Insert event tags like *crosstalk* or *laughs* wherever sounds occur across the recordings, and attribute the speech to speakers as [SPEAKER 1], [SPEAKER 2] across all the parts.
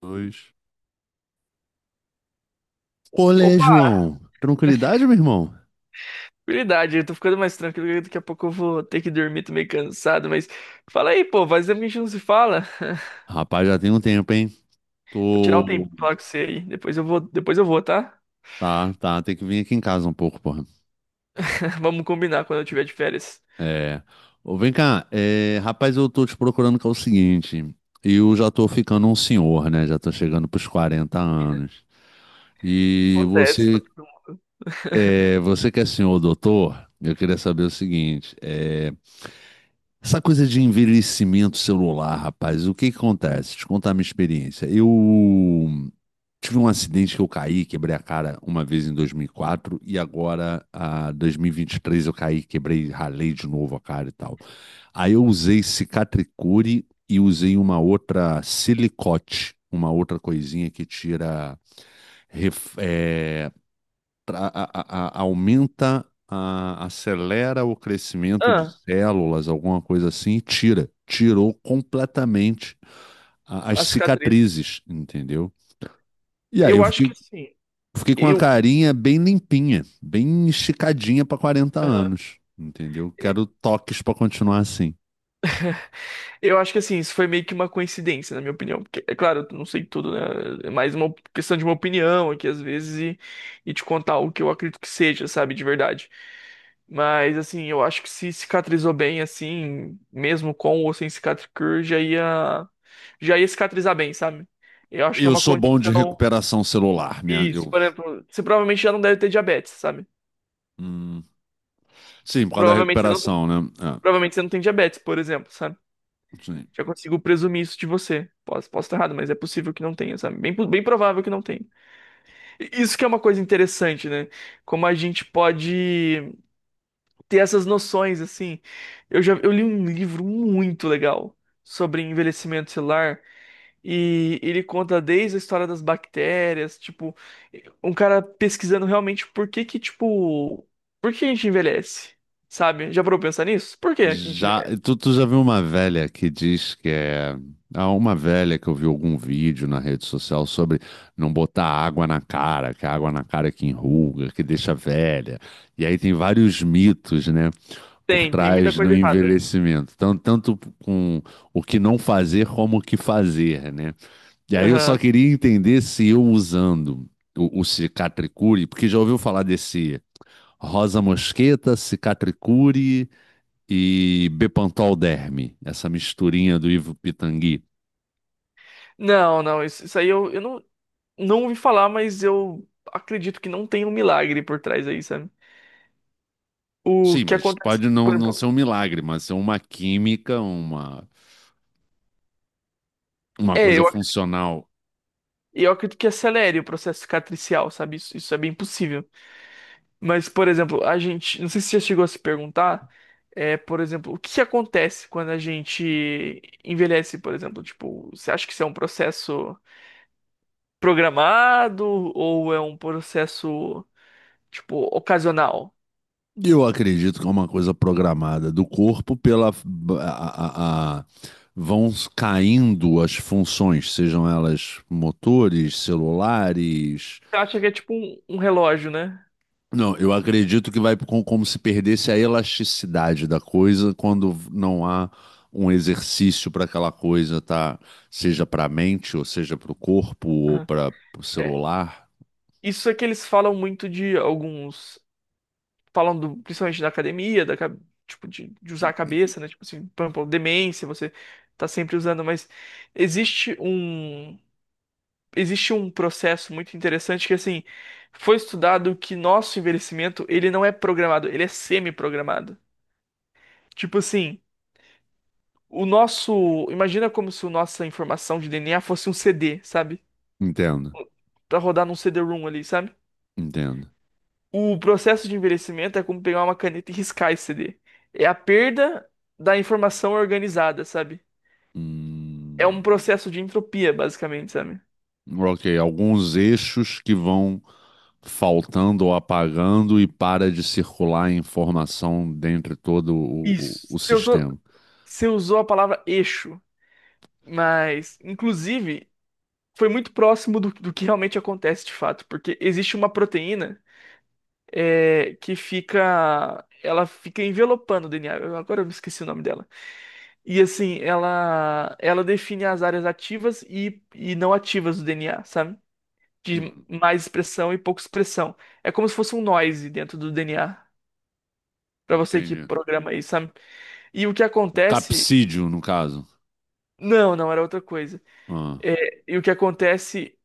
[SPEAKER 1] Dois. Olê,
[SPEAKER 2] Opa,
[SPEAKER 1] João. Tranquilidade, meu irmão?
[SPEAKER 2] habilidade, eu tô ficando mais tranquilo, que daqui a pouco eu vou ter que dormir, tô meio cansado, mas fala aí, pô, faz tempo que a gente não se fala. *laughs*
[SPEAKER 1] Rapaz, já tem um tempo, hein?
[SPEAKER 2] Vou tirar um tempo
[SPEAKER 1] Tô.
[SPEAKER 2] pra falar com você aí, depois eu vou, tá?
[SPEAKER 1] Tá, tá. Tem que vir aqui em casa um pouco, porra.
[SPEAKER 2] *laughs* Vamos combinar quando eu tiver de férias.
[SPEAKER 1] É. Ô, vem cá. Rapaz, eu tô te procurando que é o seguinte. Eu já tô ficando um senhor, né? Já tô chegando pros 40 anos. E
[SPEAKER 2] Acontece pra
[SPEAKER 1] você,
[SPEAKER 2] todo mundo. *laughs*
[SPEAKER 1] você que é senhor doutor, eu queria saber o seguinte. Essa coisa de envelhecimento celular, rapaz, o que que acontece? Te contar a minha experiência. Eu. Tive um acidente que eu caí, quebrei a cara uma vez em 2004 e quatro e agora, a 2023, eu caí, quebrei, ralei de novo a cara e tal. Aí eu usei cicatricure e usei uma outra silicote, uma outra coisinha que tira, ref- é, aumenta, acelera o crescimento de
[SPEAKER 2] Ah,
[SPEAKER 1] células, alguma coisa assim, e tira. Tirou completamente as
[SPEAKER 2] a cicatriz.
[SPEAKER 1] cicatrizes, entendeu? E aí
[SPEAKER 2] Eu
[SPEAKER 1] eu
[SPEAKER 2] acho que
[SPEAKER 1] fiquei
[SPEAKER 2] assim,
[SPEAKER 1] Fiquei com uma
[SPEAKER 2] eu,
[SPEAKER 1] carinha bem limpinha, bem esticadinha para quarenta
[SPEAKER 2] Aham.
[SPEAKER 1] anos, entendeu? Quero toques para continuar assim.
[SPEAKER 2] Eu acho que assim, isso foi meio que uma coincidência, na minha opinião. Porque, é claro, eu não sei tudo, né? É mais uma questão de uma opinião aqui, às vezes, e te contar o que eu acredito que seja, sabe, de verdade. Mas, assim, eu acho que se cicatrizou bem, assim, mesmo com ou sem cicatricure, já ia cicatrizar bem, sabe? Eu acho que é
[SPEAKER 1] Eu
[SPEAKER 2] uma
[SPEAKER 1] sou bom de
[SPEAKER 2] condição.
[SPEAKER 1] recuperação celular,
[SPEAKER 2] Isso, por exemplo, você provavelmente já não deve ter diabetes, sabe?
[SPEAKER 1] hum, sim, por causa da
[SPEAKER 2] Provavelmente você não tem,
[SPEAKER 1] recuperação, né? Ah,
[SPEAKER 2] provavelmente você não tem diabetes, por exemplo, sabe?
[SPEAKER 1] sim.
[SPEAKER 2] Já consigo presumir isso de você. Posso estar errado, mas é possível que não tenha, sabe? Bem, bem provável que não tenha. E isso que é uma coisa interessante, né? Como a gente pode ter essas noções, assim. Eu já eu li um livro muito legal sobre envelhecimento celular e ele conta desde a história das bactérias, tipo, um cara pesquisando realmente por que que, tipo, por que a gente envelhece, sabe? Já parou pra pensar nisso? Por que que a gente
[SPEAKER 1] Já,
[SPEAKER 2] envelhece?
[SPEAKER 1] tu já viu uma velha que diz que é, há uma velha que eu vi algum vídeo na rede social sobre não botar água na cara, que a água na cara é que enruga, que deixa velha. E aí tem vários mitos, né? Por
[SPEAKER 2] Tem muita
[SPEAKER 1] trás do
[SPEAKER 2] coisa errada.
[SPEAKER 1] envelhecimento, tanto, tanto com o que não fazer como o que fazer, né? E aí eu só
[SPEAKER 2] Aham.
[SPEAKER 1] queria entender se eu usando o cicatricure, porque já ouviu falar desse rosa mosqueta, cicatricure e bepantol derme, essa misturinha do Ivo Pitangui.
[SPEAKER 2] Não, não, isso aí eu não, não ouvi falar, mas eu acredito que não tem um milagre por trás aí, sabe? O
[SPEAKER 1] Sim,
[SPEAKER 2] que
[SPEAKER 1] mas
[SPEAKER 2] acontece,
[SPEAKER 1] pode não,
[SPEAKER 2] por
[SPEAKER 1] não ser
[SPEAKER 2] exemplo,
[SPEAKER 1] um milagre, mas ser uma química, uma
[SPEAKER 2] é,
[SPEAKER 1] coisa funcional.
[SPEAKER 2] eu acredito que acelere o processo cicatricial, sabe? Isso é bem possível. Mas, por exemplo, a gente, não sei se você já chegou a se perguntar, é, por exemplo, o que que acontece quando a gente envelhece, por exemplo? Tipo, você acha que isso é um processo programado ou é um processo, tipo, ocasional?
[SPEAKER 1] Eu acredito que é uma coisa programada do corpo pela a- vão caindo as funções, sejam elas motores, celulares.
[SPEAKER 2] Você acha que é tipo um relógio, né?
[SPEAKER 1] Não, eu acredito que vai como se perdesse a elasticidade da coisa quando não há um exercício para aquela coisa, tá? Seja para a mente, ou seja para o corpo, ou para o
[SPEAKER 2] É,
[SPEAKER 1] celular.
[SPEAKER 2] isso é que eles falam muito de alguns. Falam principalmente da academia, tipo, de usar a cabeça, né? Tipo assim, por exemplo, demência, você tá sempre usando, mas existe um. Existe um processo muito interessante que, assim, foi estudado que nosso envelhecimento, ele não é programado, ele é semi-programado. Tipo assim, o nosso. Imagina como se a nossa informação de DNA fosse um CD, sabe?
[SPEAKER 1] Entendo,
[SPEAKER 2] Pra rodar num CD-ROM ali, sabe?
[SPEAKER 1] entendo.
[SPEAKER 2] O processo de envelhecimento é como pegar uma caneta e riscar esse CD. É a perda da informação organizada, sabe? É um
[SPEAKER 1] Hum,
[SPEAKER 2] processo de entropia, basicamente, sabe?
[SPEAKER 1] ok, alguns eixos que vão faltando ou apagando e para de circular a informação dentro de todo o, o-
[SPEAKER 2] Isso.
[SPEAKER 1] o
[SPEAKER 2] Você usou,
[SPEAKER 1] sistema.
[SPEAKER 2] você usou a palavra eixo, mas, inclusive, foi muito próximo do que realmente acontece de fato, porque existe uma proteína é, que fica. Ela fica envelopando o DNA. Agora eu me esqueci o nome dela. E assim, ela define as áreas ativas e não ativas do DNA, sabe? De
[SPEAKER 1] Uhum.
[SPEAKER 2] mais expressão e pouca expressão. É como se fosse um noise dentro do DNA, pra você que
[SPEAKER 1] Entendi.
[SPEAKER 2] programa isso, sabe? E o que
[SPEAKER 1] O
[SPEAKER 2] acontece.
[SPEAKER 1] capsídio, no caso.
[SPEAKER 2] Não, não, era outra coisa.
[SPEAKER 1] Ah.
[SPEAKER 2] É, e o que acontece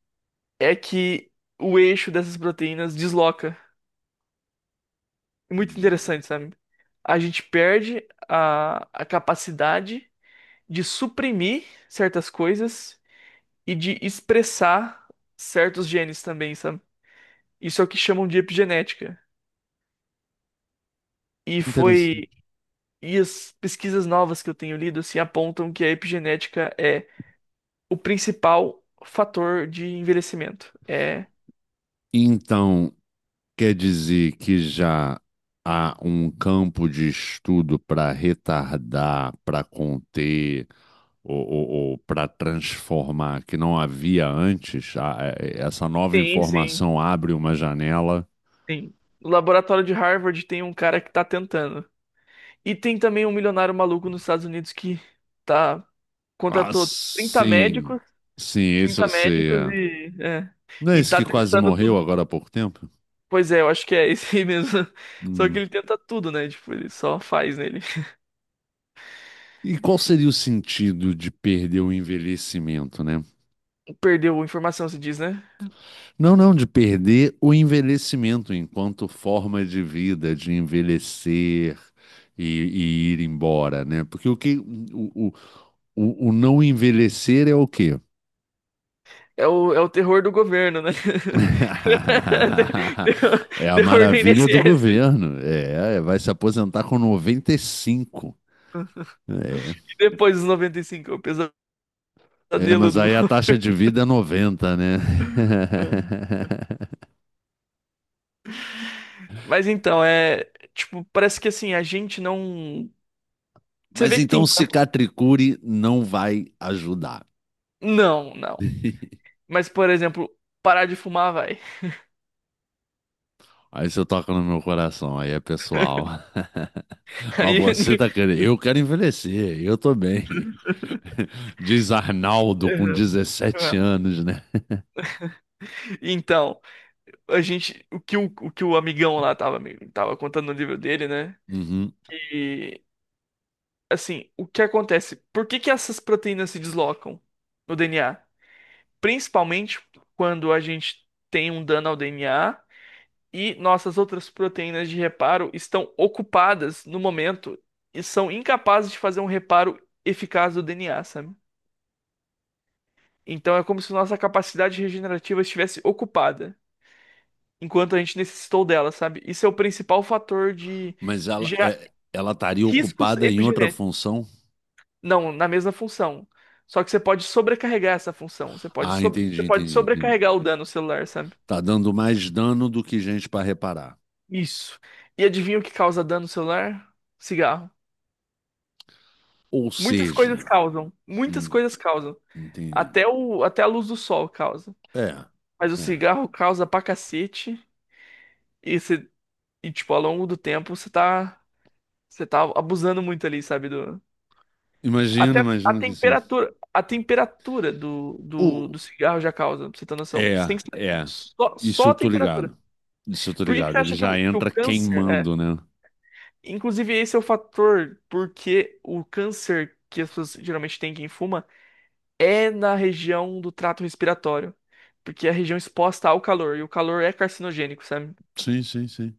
[SPEAKER 2] é que o eixo dessas proteínas desloca. É muito
[SPEAKER 1] hum,
[SPEAKER 2] interessante, sabe? A gente perde a capacidade de suprimir certas coisas e de expressar certos genes também, sabe? Isso é o que chamam de epigenética. E foi
[SPEAKER 1] Interessante.
[SPEAKER 2] E as pesquisas novas que eu tenho lido se apontam que a epigenética é o principal fator de envelhecimento. É.
[SPEAKER 1] Então, quer dizer que já há um campo de estudo para retardar, para conter, ou para transformar que não havia antes? Ah, essa nova
[SPEAKER 2] Sim, sim,
[SPEAKER 1] informação abre uma janela.
[SPEAKER 2] sim. No laboratório de Harvard tem um cara que tá tentando. E tem também um milionário maluco nos Estados Unidos que tá
[SPEAKER 1] Ah,
[SPEAKER 2] contratou 30
[SPEAKER 1] sim.
[SPEAKER 2] médicos,
[SPEAKER 1] Sim, esse
[SPEAKER 2] 30
[SPEAKER 1] eu sei.
[SPEAKER 2] médicos
[SPEAKER 1] É.
[SPEAKER 2] e é,
[SPEAKER 1] Não é
[SPEAKER 2] e
[SPEAKER 1] esse
[SPEAKER 2] tá
[SPEAKER 1] que quase
[SPEAKER 2] tentando
[SPEAKER 1] morreu
[SPEAKER 2] tudo.
[SPEAKER 1] agora há pouco tempo?
[SPEAKER 2] Pois é, eu acho que é esse aí mesmo. *laughs* Só que
[SPEAKER 1] Hum.
[SPEAKER 2] ele tenta tudo, né? Tipo, ele só faz, nele.
[SPEAKER 1] E qual seria o sentido de perder o envelhecimento, né?
[SPEAKER 2] Ele perdeu informação, se diz, né?
[SPEAKER 1] Não, não, de perder o envelhecimento enquanto forma de vida, de envelhecer e ir embora, né? Porque o que o, o, o não envelhecer é o quê?
[SPEAKER 2] É o terror do governo, né? *laughs*
[SPEAKER 1] *laughs*
[SPEAKER 2] Terror,
[SPEAKER 1] É a
[SPEAKER 2] terror do
[SPEAKER 1] maravilha do
[SPEAKER 2] INSS.
[SPEAKER 1] governo. É, vai se aposentar com 95. É.
[SPEAKER 2] E depois dos 95, é o
[SPEAKER 1] É,
[SPEAKER 2] pesadelo
[SPEAKER 1] mas
[SPEAKER 2] do
[SPEAKER 1] aí a taxa de
[SPEAKER 2] governo.
[SPEAKER 1] vida é 90, né? *laughs*
[SPEAKER 2] Mas então, é. Tipo, parece que assim, a gente não. Você
[SPEAKER 1] Mas
[SPEAKER 2] vê que
[SPEAKER 1] então
[SPEAKER 2] tem.
[SPEAKER 1] cicatricure não vai ajudar.
[SPEAKER 2] Não, não.
[SPEAKER 1] *laughs*
[SPEAKER 2] Mas, por exemplo, parar de fumar vai.
[SPEAKER 1] Aí você toca no meu coração, aí é pessoal.
[SPEAKER 2] *laughs*
[SPEAKER 1] *laughs* Mas
[SPEAKER 2] Aí.
[SPEAKER 1] você tá querendo, eu quero envelhecer, eu tô bem. *laughs* Diz Arnaldo com
[SPEAKER 2] Uhum,
[SPEAKER 1] dezessete
[SPEAKER 2] uhum.
[SPEAKER 1] anos, né? *laughs*
[SPEAKER 2] Então, a gente. O que o amigão lá tava contando no livro dele, né?
[SPEAKER 1] Uhum.
[SPEAKER 2] Assim, o que acontece? Por que que essas proteínas se deslocam no DNA? Principalmente quando a gente tem um dano ao DNA e nossas outras proteínas de reparo estão ocupadas no momento e são incapazes de fazer um reparo eficaz do DNA, sabe? Então é como se nossa capacidade regenerativa estivesse ocupada enquanto a gente necessitou dela, sabe? Isso é o principal fator de
[SPEAKER 1] Mas ela,
[SPEAKER 2] gerar
[SPEAKER 1] é, ela estaria
[SPEAKER 2] riscos
[SPEAKER 1] ocupada em outra
[SPEAKER 2] epigenéticos.
[SPEAKER 1] função?
[SPEAKER 2] Não, na mesma função. Só que você pode sobrecarregar essa função.
[SPEAKER 1] Ah,
[SPEAKER 2] Você
[SPEAKER 1] entendi,
[SPEAKER 2] pode
[SPEAKER 1] entendi, entendi.
[SPEAKER 2] sobrecarregar o dano celular, sabe?
[SPEAKER 1] Tá dando mais dano do que gente para reparar.
[SPEAKER 2] Isso. E adivinha o que causa dano celular? Cigarro.
[SPEAKER 1] Ou
[SPEAKER 2] Muitas coisas
[SPEAKER 1] seja,
[SPEAKER 2] causam.
[SPEAKER 1] Hum, entendi.
[SPEAKER 2] Até até a luz do sol causa.
[SPEAKER 1] É,
[SPEAKER 2] Mas o
[SPEAKER 1] é.
[SPEAKER 2] cigarro causa pra cacete. E, você, e tipo, ao longo do tempo, você tá abusando muito ali, sabe? Do,
[SPEAKER 1] Imagino,
[SPEAKER 2] até
[SPEAKER 1] imagino que sim.
[SPEAKER 2] a temperatura
[SPEAKER 1] O...
[SPEAKER 2] do cigarro já causa, pra você ter noção.
[SPEAKER 1] É, é.
[SPEAKER 2] Só,
[SPEAKER 1] Isso
[SPEAKER 2] só
[SPEAKER 1] eu
[SPEAKER 2] a
[SPEAKER 1] tô
[SPEAKER 2] temperatura.
[SPEAKER 1] ligado. Isso eu tô
[SPEAKER 2] Por que que você
[SPEAKER 1] ligado. Ele
[SPEAKER 2] acha que
[SPEAKER 1] já
[SPEAKER 2] o
[SPEAKER 1] entra
[SPEAKER 2] câncer é?
[SPEAKER 1] queimando, né?
[SPEAKER 2] Inclusive, esse é o fator porque o câncer que as pessoas geralmente têm quem fuma é na região do trato respiratório. Porque é a região exposta ao calor, e o calor é carcinogênico, sabe?
[SPEAKER 1] Sim, sim, sim.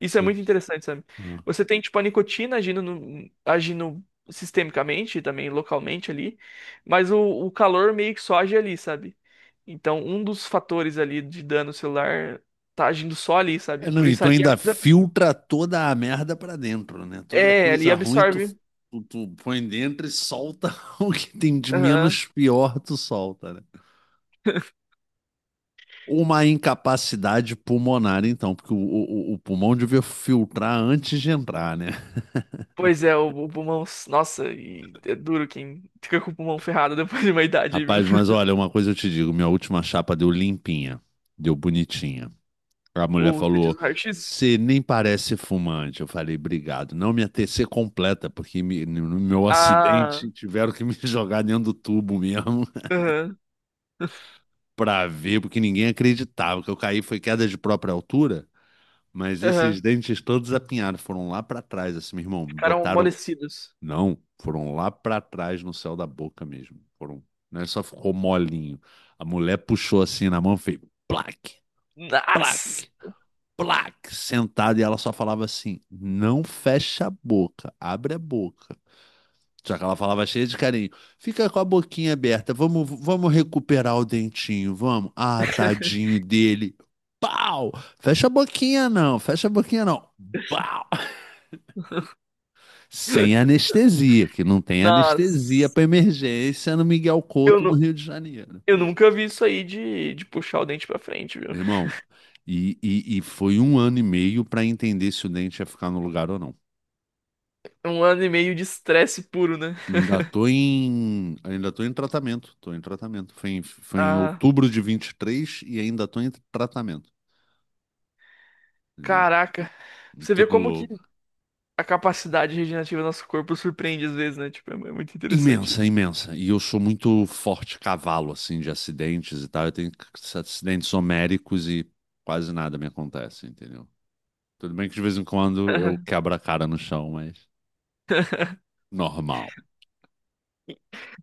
[SPEAKER 2] Isso é
[SPEAKER 1] Sim.
[SPEAKER 2] muito interessante, sabe?
[SPEAKER 1] Ah.
[SPEAKER 2] Você tem, tipo, a nicotina agindo, no- agindo sistemicamente, e também localmente ali, mas o, o calor meio que só age ali, sabe? Então, um dos fatores ali de dano celular tá agindo só ali,
[SPEAKER 1] É,
[SPEAKER 2] sabe?
[SPEAKER 1] não,
[SPEAKER 2] Por
[SPEAKER 1] e
[SPEAKER 2] isso
[SPEAKER 1] tu
[SPEAKER 2] ali
[SPEAKER 1] ainda filtra toda a merda pra dentro, né? Toda
[SPEAKER 2] é, é, ali
[SPEAKER 1] coisa ruim tu,
[SPEAKER 2] absorve.
[SPEAKER 1] tu põe dentro e solta *laughs* o que tem de
[SPEAKER 2] Aham.
[SPEAKER 1] menos pior, tu solta, né?
[SPEAKER 2] *laughs*
[SPEAKER 1] Uma incapacidade pulmonar, então, porque o pulmão devia filtrar antes de entrar, né?
[SPEAKER 2] Pois é, o pulmão. Nossa, e é duro quem fica com o pulmão ferrado *laughs* depois de uma idade aí, viu?
[SPEAKER 1] Rapaz, mas olha, uma coisa eu te digo, minha última chapa deu limpinha, deu bonitinha. A mulher
[SPEAKER 2] Ou você diz
[SPEAKER 1] falou,
[SPEAKER 2] o raio-x?
[SPEAKER 1] você nem parece fumante. Eu falei, obrigado. Não, minha TC completa, porque no meu
[SPEAKER 2] Ah,
[SPEAKER 1] acidente tiveram que me *laughs* jogar dentro do tubo mesmo
[SPEAKER 2] aham,
[SPEAKER 1] *laughs* pra ver, porque ninguém acreditava. O que eu caí foi queda de própria altura, mas
[SPEAKER 2] aham.
[SPEAKER 1] esses dentes todos apinhados, foram lá pra trás, assim, meu irmão,
[SPEAKER 2] Ficaram
[SPEAKER 1] botaram.
[SPEAKER 2] amolecidos.
[SPEAKER 1] Não, foram lá para trás no céu da boca mesmo. Foram, não é só ficou molinho. A mulher puxou assim na mão e fez plaque,
[SPEAKER 2] Nossa!
[SPEAKER 1] plaque, plaque, sentada e ela só falava assim: "Não fecha a boca, abre a boca". Só que ela falava cheia de carinho. Fica com a boquinha aberta. Vamos, vamos recuperar o dentinho, vamos. Ah, tadinho dele. Pau! Fecha a boquinha não, fecha a boquinha não. Pau! Sem
[SPEAKER 2] *laughs*
[SPEAKER 1] anestesia, que não tem anestesia
[SPEAKER 2] Nossa!
[SPEAKER 1] para emergência no Miguel
[SPEAKER 2] Eu,
[SPEAKER 1] Couto, no
[SPEAKER 2] nu-
[SPEAKER 1] Rio de Janeiro.
[SPEAKER 2] eu nunca vi isso aí de puxar o dente pra frente, viu?
[SPEAKER 1] Meu irmão, e foi um ano e meio para entender se o dente ia ficar no lugar ou não.
[SPEAKER 2] É 1 ano e meio de estresse puro, né?
[SPEAKER 1] Ainda tô em tratamento, tô em tratamento. Foi em
[SPEAKER 2] Ah,
[SPEAKER 1] outubro de 23 e ainda tô em tratamento. Entendeu?
[SPEAKER 2] caraca. Você vê
[SPEAKER 1] Tudo
[SPEAKER 2] como que
[SPEAKER 1] louco.
[SPEAKER 2] a capacidade regenerativa do nosso corpo surpreende às vezes, né? Tipo, é muito interessante isso.
[SPEAKER 1] Imensa, imensa. E eu sou muito forte cavalo, assim, de acidentes e tal. Eu tenho acidentes homéricos e quase nada me acontece, entendeu? Tudo bem que de vez em quando eu
[SPEAKER 2] *laughs*
[SPEAKER 1] quebro a cara no chão, mas normal.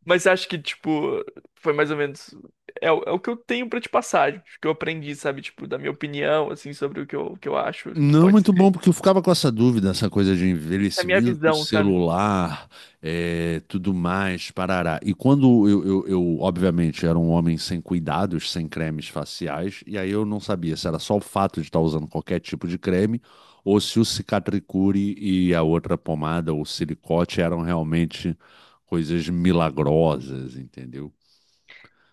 [SPEAKER 2] Mas acho que, tipo, foi mais ou menos. É, é o que eu tenho pra te passar, o que eu aprendi, sabe? Tipo, da minha opinião, assim, sobre o que eu acho que
[SPEAKER 1] Não,
[SPEAKER 2] pode
[SPEAKER 1] muito
[SPEAKER 2] ser.
[SPEAKER 1] bom, porque eu ficava com essa dúvida, essa coisa de
[SPEAKER 2] Da minha
[SPEAKER 1] envelhecimento
[SPEAKER 2] visão, sabe?
[SPEAKER 1] celular, é, tudo mais, parará. E quando eu, obviamente, era um homem sem cuidados, sem cremes faciais, e aí eu não sabia se era só o fato de estar usando qualquer tipo de creme, ou se o Cicatricure e a outra pomada, ou silicote, eram realmente coisas milagrosas, entendeu?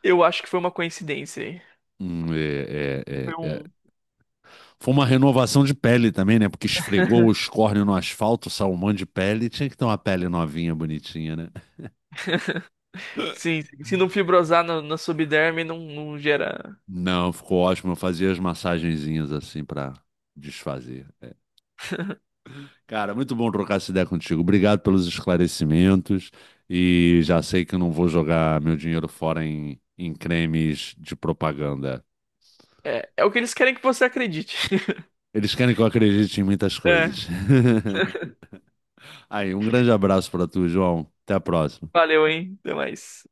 [SPEAKER 2] Eu acho que foi uma coincidência aí.
[SPEAKER 1] Hum, é,
[SPEAKER 2] Foi
[SPEAKER 1] é, é,
[SPEAKER 2] um.
[SPEAKER 1] Foi uma renovação de pele também, né? Porque esfregou o
[SPEAKER 2] *laughs*
[SPEAKER 1] escórnio no asfalto, salmão de pele. Tinha que ter uma pele novinha, bonitinha, né?
[SPEAKER 2] Sim, sim. Se não fibrosar na subderme, não gera.
[SPEAKER 1] Não, ficou ótimo. Eu fazia as massagenzinhas assim pra desfazer. Cara, muito bom trocar essa ideia contigo. Obrigado pelos esclarecimentos. E já sei que eu não vou jogar meu dinheiro fora em cremes de propaganda.
[SPEAKER 2] É, é o que eles querem que você acredite. *laughs*
[SPEAKER 1] Eles querem que eu acredite em muitas
[SPEAKER 2] É,
[SPEAKER 1] coisas. *laughs* Aí, um grande abraço pra tu, João. Até a próxima.
[SPEAKER 2] valeu, hein? Até mais.